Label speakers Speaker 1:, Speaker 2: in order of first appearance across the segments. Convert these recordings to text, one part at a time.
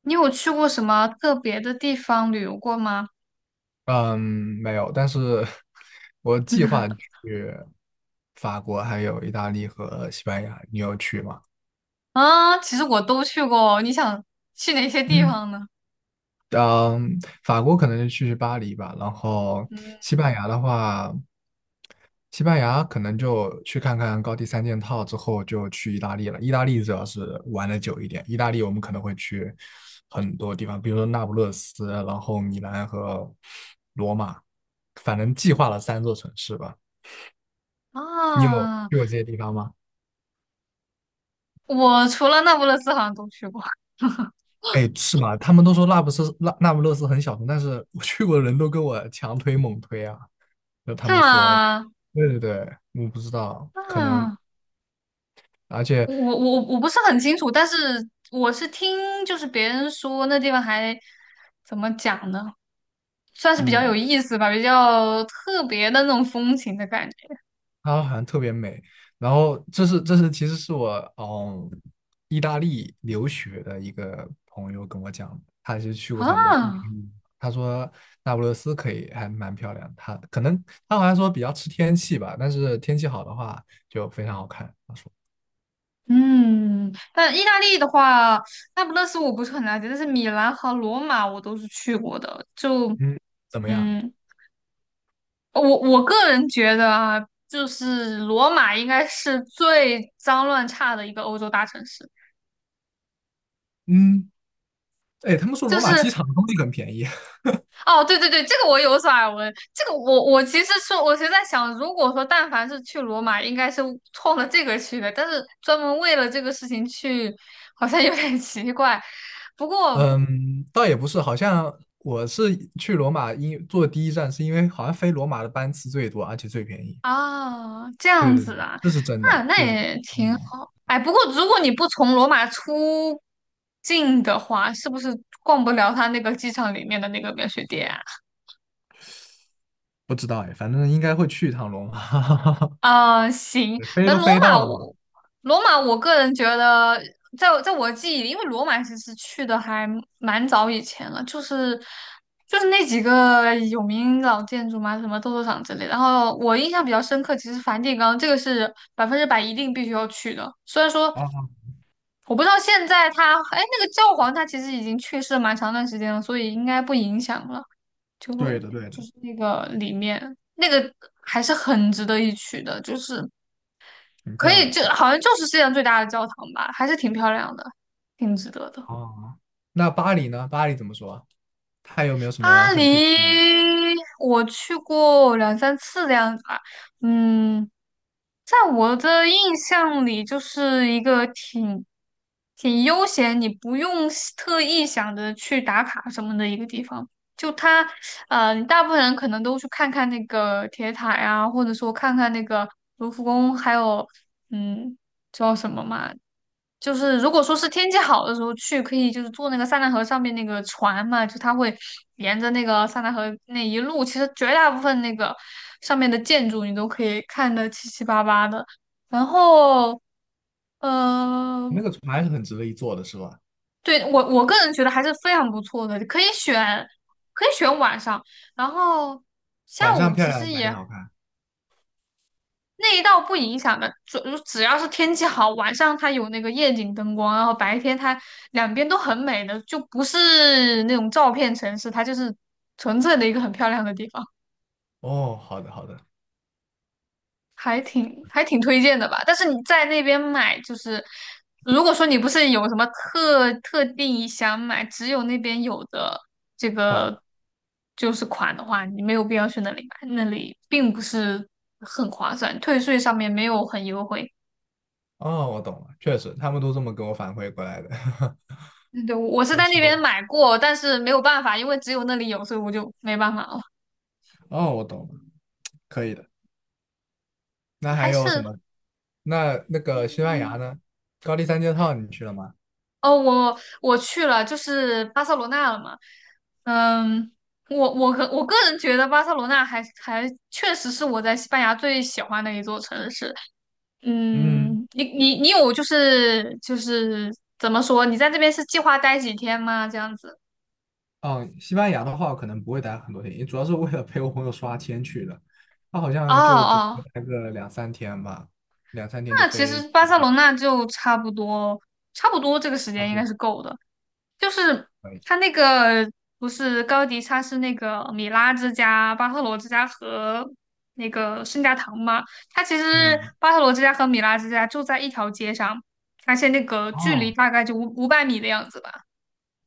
Speaker 1: 你有去过什么特别的地方旅游过吗？
Speaker 2: 嗯，没有，但是我计划 去法国、还有意大利和西班牙，你有去吗？
Speaker 1: 啊，其实我都去过。你想去哪些地
Speaker 2: 嗯，
Speaker 1: 方呢？
Speaker 2: 嗯，法国可能就去巴黎吧，然后
Speaker 1: 嗯
Speaker 2: 西班牙的话，西班牙可能就去看看高地三件套之后就去意大利了。意大利主要是玩的久一点，意大利我们可能会去很多地方，比如说那不勒斯，然后米兰和罗马，反正计划了3座城市吧。你有
Speaker 1: 啊，
Speaker 2: 去过这些地方吗？
Speaker 1: 我除了那不勒斯好像都去过。
Speaker 2: 哎，是吗？他们都说那不是那不勒斯很小众，但是我 去过的人都跟我强推猛推啊。就他
Speaker 1: 是
Speaker 2: 们说，
Speaker 1: 吗？
Speaker 2: 对对对，我不知道，可能，
Speaker 1: 啊，
Speaker 2: 而且，
Speaker 1: 我不是很清楚，但是我是听就是别人说那地方还怎么讲呢，算是比较
Speaker 2: 嗯，
Speaker 1: 有意思吧，比较特别的那种风情的感觉
Speaker 2: 它好像特别美。然后这是其实是我意大利留学的一个朋友跟我讲的，他是去过很多地方，
Speaker 1: 啊。
Speaker 2: 他说那不勒斯可以还蛮漂亮，他可能他好像说比较吃天气吧，但是天气好的话就非常好看。他说，
Speaker 1: 嗯，但意大利的话，那不勒斯我不是很了解，但是米兰和罗马我都是去过的。就
Speaker 2: 嗯，怎么样？
Speaker 1: 嗯，我个人觉得啊，就是罗马应该是最脏乱差的一个欧洲大城市。
Speaker 2: 嗯，哎，他们说
Speaker 1: 就
Speaker 2: 罗马机
Speaker 1: 是
Speaker 2: 场的东西很便宜。
Speaker 1: 哦，对对对，这个我有所耳闻。这个我其实说，我其实在想，如果说但凡是去罗马，应该是冲着这个去的，但是专门为了这个事情去，好像有点奇怪。不过。
Speaker 2: 嗯，倒也不是，好像我是去罗马因坐第一站，是因为好像飞罗马的班次最多，而且最便宜。
Speaker 1: 啊，这
Speaker 2: 对
Speaker 1: 样
Speaker 2: 对对，
Speaker 1: 子啊，
Speaker 2: 这是真
Speaker 1: 那
Speaker 2: 的，
Speaker 1: 那
Speaker 2: 就是
Speaker 1: 也挺
Speaker 2: 嗯，
Speaker 1: 好。哎，不过如果你不从罗马出境的话，是不是逛不了它那个机场里面的那个免税店啊？
Speaker 2: 不知道哎，反正应该会去一趟罗马，
Speaker 1: 啊 行，
Speaker 2: 对飞
Speaker 1: 反
Speaker 2: 都
Speaker 1: 正
Speaker 2: 飞到了嘛。
Speaker 1: 罗马，我个人觉得在我记忆里，因为罗马其实去的还蛮早以前了，就是那几个有名老建筑嘛，什么斗兽场之类的然后我印象比较深刻，其实梵蒂冈这个是百分之百一定必须要去的，虽然说。
Speaker 2: 啊，
Speaker 1: 我不知道现在他，哎，那个教皇他其实已经去世了蛮长段时间了，所以应该不影响了。就
Speaker 2: 对的对的，
Speaker 1: 就是那个里面那个还是很值得一去的，就是
Speaker 2: 很
Speaker 1: 可
Speaker 2: 漂
Speaker 1: 以
Speaker 2: 亮
Speaker 1: 就
Speaker 2: 的。
Speaker 1: 好像就是世界上最大的教堂吧，还是挺漂亮的，挺值得的。
Speaker 2: 哦，那巴黎呢？巴黎怎么说啊？它有没有什么
Speaker 1: 巴
Speaker 2: 很推荐的？
Speaker 1: 黎我去过两三次的样子吧，嗯，在我的印象里，就是一个挺悠闲，你不用是特意想着去打卡什么的一个地方。就它，你大部分人可能都去看看那个铁塔呀，或者说看看那个卢浮宫，还有嗯，叫什么嘛？就是如果说是天气好的时候去，可以就是坐那个塞纳河上面那个船嘛，就它会沿着那个塞纳河那一路，其实绝大部分那个上面的建筑你都可以看得七七八八的。然后，嗯，
Speaker 2: 那个船还是很值得一坐的，是吧？
Speaker 1: 对，我个人觉得还是非常不错的，可以选晚上，然后下
Speaker 2: 晚
Speaker 1: 午
Speaker 2: 上漂
Speaker 1: 其
Speaker 2: 亮，
Speaker 1: 实
Speaker 2: 白天
Speaker 1: 也
Speaker 2: 好看。
Speaker 1: 那一道不影响的，只要是天气好，晚上它有那个夜景灯光，然后白天它两边都很美的，就不是那种照片城市，它就是纯粹的一个很漂亮的地方，
Speaker 2: 哦，好的好的，
Speaker 1: 还挺推荐的吧。但是你在那边买，就是如果说你不是有什么特定想买，只有那边有的这
Speaker 2: 换。
Speaker 1: 个就是款的话，你没有必要去那里买，那里并不是很划算，退税上面没有很优惠。
Speaker 2: 哦，我懂了，确实，他们都这么给我反馈过来的，
Speaker 1: 嗯对，我是
Speaker 2: 就
Speaker 1: 在那边
Speaker 2: 说，
Speaker 1: 买过，但是没有办法，因为只有那里有，所以我就没办法了。
Speaker 2: 哦，我懂了，可以的。那
Speaker 1: 还
Speaker 2: 还有什
Speaker 1: 是，
Speaker 2: 么？那那个西
Speaker 1: 嗯，
Speaker 2: 班牙呢？高地三件套你去了吗？
Speaker 1: 哦，我去了，就是巴塞罗那了嘛。嗯，我个人觉得巴塞罗那还确实是我在西班牙最喜欢的一座城市。
Speaker 2: 嗯，
Speaker 1: 你有就是怎么说？你在这边是计划待几天吗？这样子？
Speaker 2: 哦，西班牙的话，可能不会待很多天，主要是为了陪我朋友刷签去的。他好
Speaker 1: 哦
Speaker 2: 像就准
Speaker 1: 哦，
Speaker 2: 备待个两三天吧，两三天就
Speaker 1: 那其
Speaker 2: 飞，
Speaker 1: 实巴塞罗那就差不多这个时
Speaker 2: 差
Speaker 1: 间
Speaker 2: 不
Speaker 1: 应该
Speaker 2: 多
Speaker 1: 是够的。就是
Speaker 2: 可以。
Speaker 1: 它那个不是高迪，他是那个米拉之家、巴特罗之家和那个圣家堂嘛。它其实
Speaker 2: 嗯，
Speaker 1: 巴特罗之家和米拉之家就在一条街上，而且那个距离
Speaker 2: 哦，
Speaker 1: 大概就五百米的样子吧，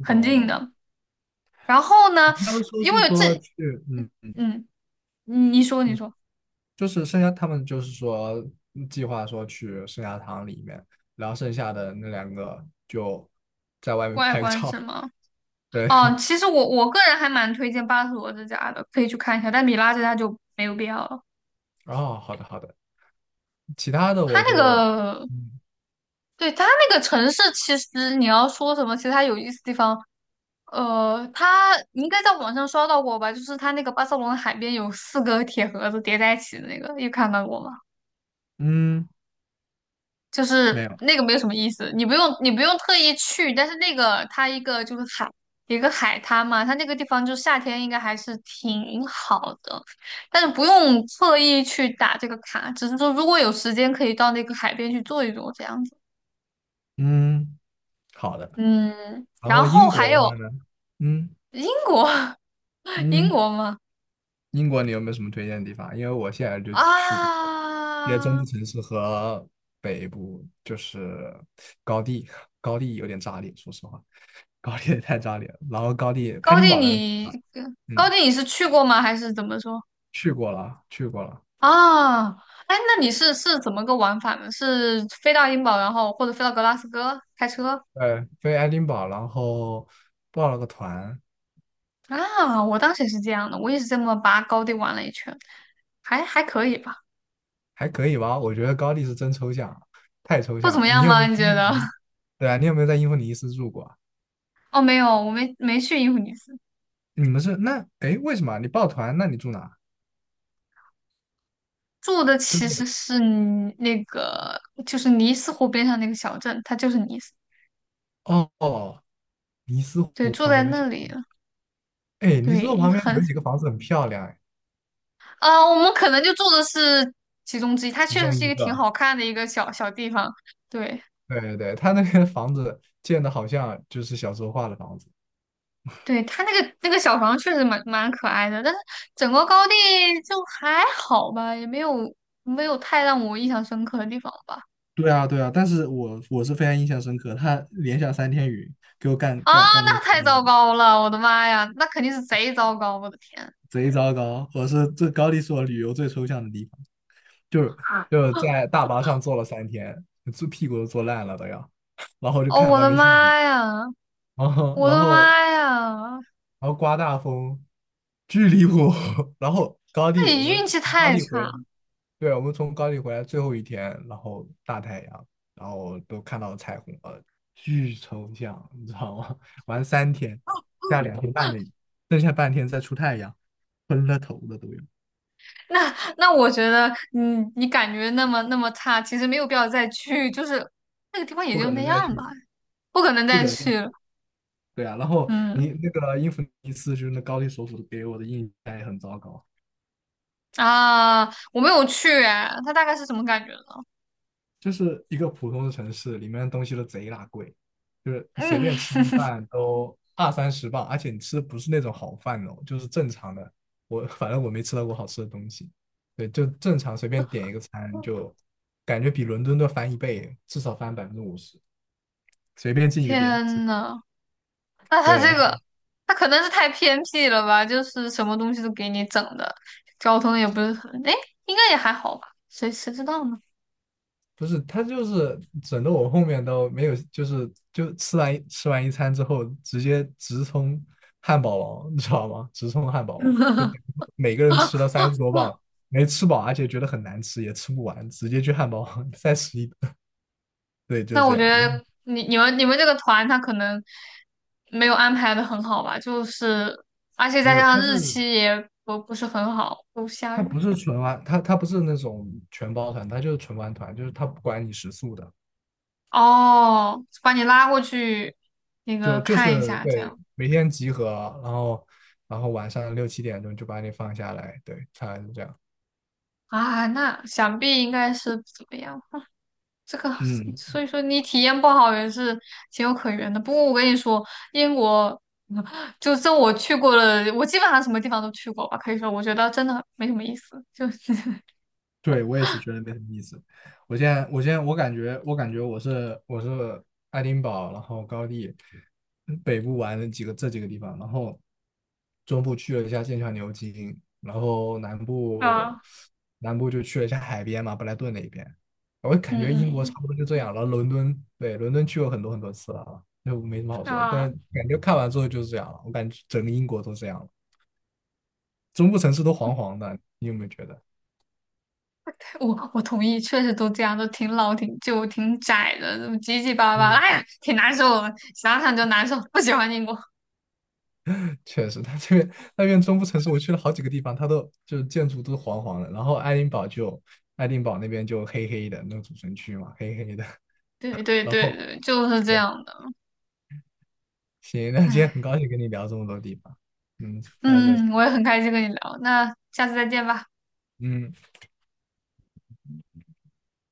Speaker 1: 很
Speaker 2: 懂了
Speaker 1: 近
Speaker 2: 懂了。
Speaker 1: 的。然后呢，
Speaker 2: 他们说
Speaker 1: 因
Speaker 2: 是
Speaker 1: 为这，
Speaker 2: 说去，嗯
Speaker 1: 嗯，你你说你
Speaker 2: 嗯。
Speaker 1: 说，
Speaker 2: 就是剩下他们就是说计划说去圣家堂里面，然后剩下的那2个就在外面
Speaker 1: 外
Speaker 2: 拍个
Speaker 1: 观
Speaker 2: 照。
Speaker 1: 是吗？
Speaker 2: 对，
Speaker 1: 哦，其实我个人还蛮推荐巴特罗之家的，可以去看一下，但米拉之家就没有必要了。
Speaker 2: 哦，好的好的，其他的
Speaker 1: 它
Speaker 2: 我
Speaker 1: 那
Speaker 2: 就
Speaker 1: 个
Speaker 2: 嗯
Speaker 1: 对，它那个城市，其实你要说什么，其实它有意思的地方，你应该在网上刷到过吧？就是它那个巴塞罗那海边有四个铁盒子叠在一起的那个，有看到过吗？
Speaker 2: 嗯
Speaker 1: 就是
Speaker 2: 没有
Speaker 1: 那个没有什么意思，你不用特意去，但是那个它一个就是海，一个海滩嘛，它那个地方就夏天应该还是挺好的，但是不用特意去打这个卡，只是说如果有时间可以到那个海边去坐一坐这样子。
Speaker 2: 嗯好的。
Speaker 1: 嗯，
Speaker 2: 然后
Speaker 1: 然后
Speaker 2: 英国
Speaker 1: 还
Speaker 2: 的话
Speaker 1: 有
Speaker 2: 呢，嗯
Speaker 1: 英国。英
Speaker 2: 嗯，
Speaker 1: 国吗？
Speaker 2: 英国你有没有什么推荐的地方？因为我现在就只去过一些中
Speaker 1: 啊，
Speaker 2: 部城市和北部，就是高地，高地有点炸裂，说实话。高地也太炸裂了。然后高地爱
Speaker 1: 高
Speaker 2: 丁
Speaker 1: 地
Speaker 2: 堡的。
Speaker 1: 你高
Speaker 2: 嗯，
Speaker 1: 地你是去过吗？还是怎么说？
Speaker 2: 去过了，去过了，
Speaker 1: 啊，哎，那你是怎么个玩法呢？是飞到英堡，然后或者飞到格拉斯哥开车？
Speaker 2: 对，飞爱丁堡，然后报了个团，
Speaker 1: 啊，我当时也是这样的，我也是这么把高地玩了一圈，还可以吧。
Speaker 2: 还可以吧？我觉得高地是真抽象，太抽
Speaker 1: 不
Speaker 2: 象
Speaker 1: 怎么
Speaker 2: 了。你
Speaker 1: 样
Speaker 2: 有没
Speaker 1: 吗？
Speaker 2: 有
Speaker 1: 你觉得？
Speaker 2: 对啊，你有没有在英弗尼斯住过啊
Speaker 1: 哦，没有，我没去英弗尼斯，
Speaker 2: 你们是那哎，为什么啊你报团？那你住哪啊？
Speaker 1: 住的
Speaker 2: 就
Speaker 1: 其实
Speaker 2: 是
Speaker 1: 是尼那个就是尼斯湖边上那个小镇，它就是尼斯，
Speaker 2: 哦哦，尼斯
Speaker 1: 对，
Speaker 2: 湖
Speaker 1: 住
Speaker 2: 旁
Speaker 1: 在
Speaker 2: 边的小，
Speaker 1: 那里了。
Speaker 2: 哎，尼斯湖
Speaker 1: 对，
Speaker 2: 旁边有几个房子很漂亮，哎，
Speaker 1: 我们可能就住的是其中之一，它
Speaker 2: 其
Speaker 1: 确实
Speaker 2: 中
Speaker 1: 是一
Speaker 2: 一
Speaker 1: 个挺
Speaker 2: 个，
Speaker 1: 好看的一个小小地方。对，
Speaker 2: 对对对，他那边的房子建的好像就是小时候画的房子。
Speaker 1: 对，它那个小房确实蛮可爱的，但是整个高地就还好吧，也没有太让我印象深刻的地方吧。
Speaker 2: 对啊，对啊，但是我是非常印象深刻，他连下三天雨，给我干
Speaker 1: 啊，
Speaker 2: 干干的
Speaker 1: 那太糟糕了，我的妈呀，那肯定是贼糟糕，我的天！
Speaker 2: 贼糟糕。这高地是我旅游最抽象的地方，就是就是在大巴上坐了三天，坐屁股都坐烂了都要，然后就
Speaker 1: 哦，
Speaker 2: 看
Speaker 1: 我
Speaker 2: 外
Speaker 1: 的
Speaker 2: 面
Speaker 1: 妈
Speaker 2: 下雨，
Speaker 1: 呀，
Speaker 2: 然后
Speaker 1: 我
Speaker 2: 然
Speaker 1: 的
Speaker 2: 后
Speaker 1: 妈呀，
Speaker 2: 然后刮大风，巨离谱。然后高
Speaker 1: 那
Speaker 2: 地我
Speaker 1: 你
Speaker 2: 们
Speaker 1: 运气
Speaker 2: 从高
Speaker 1: 太
Speaker 2: 地回
Speaker 1: 差
Speaker 2: 来
Speaker 1: 了。
Speaker 2: 对，我们从高地回来最后一天，然后大太阳，然后都看到了彩虹了，巨抽象，你知道吗？玩三天，下2天半的雨，剩下半天再出太阳，昏了头了都有，
Speaker 1: 那那我觉得你感觉那么差，其实没有必要再去，就是那个地方也
Speaker 2: 不
Speaker 1: 就
Speaker 2: 可
Speaker 1: 那
Speaker 2: 能
Speaker 1: 样
Speaker 2: 再
Speaker 1: 吧，
Speaker 2: 去，
Speaker 1: 不可能
Speaker 2: 不
Speaker 1: 再
Speaker 2: 可能再
Speaker 1: 去
Speaker 2: 去。
Speaker 1: 了。
Speaker 2: 对啊，然后你
Speaker 1: 嗯
Speaker 2: 那个英弗一次，就是那高丽首府给我的印象也很糟糕。
Speaker 1: 啊，我没有去哎，他大概是什么感觉呢？
Speaker 2: 就是一个普通的城市，里面的东西都贼拉贵，就是 你随
Speaker 1: 嗯，
Speaker 2: 便吃顿饭都2、30磅，而且你吃的不是那种好饭哦，就是正常的。反正我没吃到过好吃的东西，对，就正常随便点一个餐，就感觉比伦敦都翻一倍，至少翻50%，随便进一个店，
Speaker 1: 天呐，那他这
Speaker 2: 对，
Speaker 1: 个他可能是太偏僻了吧，就是什么东西都给你整的，交通也不是很，哎，应该也还好吧，谁知道呢？
Speaker 2: 不是，他就是整的我后面都没有，就是就吃完一餐之后，直接直冲汉堡王，你知道吗？直冲汉堡王，就每个人吃了30多磅，没吃饱，而且觉得很难吃，也吃不完，直接去汉堡王再吃一顿。对，就是
Speaker 1: 那
Speaker 2: 这
Speaker 1: 我觉
Speaker 2: 样。
Speaker 1: 得你你们这个团他可能没有安排的很好吧，就是而且
Speaker 2: 没
Speaker 1: 再加
Speaker 2: 有，
Speaker 1: 上日期也不是很好，都下
Speaker 2: 他不
Speaker 1: 雨。
Speaker 2: 是纯玩，他不是那种全包团，他就是纯玩团，就是他不管你食宿的，
Speaker 1: 哦，把你拉过去那个
Speaker 2: 就就
Speaker 1: 看一
Speaker 2: 是
Speaker 1: 下，这
Speaker 2: 对
Speaker 1: 样
Speaker 2: 每天集合，然后然后晚上6、7点钟就把你放下来，对，他是这样。
Speaker 1: 啊，那想必应该是不怎么样。这个，
Speaker 2: 嗯，
Speaker 1: 所以说你体验不好也是情有可原的。不过我跟你说，英国 就这我去过了，我基本上什么地方都去过吧，可以说我觉得真的没什么意思，就是
Speaker 2: 对，我也是觉得没什么意思。我现在,我感觉我是爱丁堡，然后高地北部玩了这几个地方，然后中部去了一下剑桥、牛津，然后南 部
Speaker 1: 啊。
Speaker 2: 南部就去了一下海边嘛，布莱顿那一边。我感
Speaker 1: 嗯
Speaker 2: 觉
Speaker 1: 嗯，
Speaker 2: 英国
Speaker 1: 嗯
Speaker 2: 差不多就这样了。然后伦敦，对，伦敦去过很多很多次了啊，就没什么好说。但
Speaker 1: 啊，
Speaker 2: 感觉看完之后就是这样了，我感觉整个英国都这样了，中部城市都黄黄的，你有没有觉得？
Speaker 1: 我同意，确实都这样，都挺老、挺旧、挺窄的，怎么结结巴巴
Speaker 2: 嗯，
Speaker 1: 哎呀，挺难受的，想想就难受，不喜欢英国。
Speaker 2: 确实，它这边那边中部城市，我去了好几个地方，它都就是建筑都黄黄的，然后爱丁堡那边就黑黑的，那个主城区嘛，黑黑的。
Speaker 1: 对对
Speaker 2: 然
Speaker 1: 对
Speaker 2: 后
Speaker 1: 对，就是这
Speaker 2: 对，
Speaker 1: 样的。
Speaker 2: 行，那今天
Speaker 1: 哎，
Speaker 2: 很高兴跟你聊这么多地方，嗯，下次再，
Speaker 1: 嗯嗯，我也很开心跟你聊，那下次再见吧。
Speaker 2: 嗯。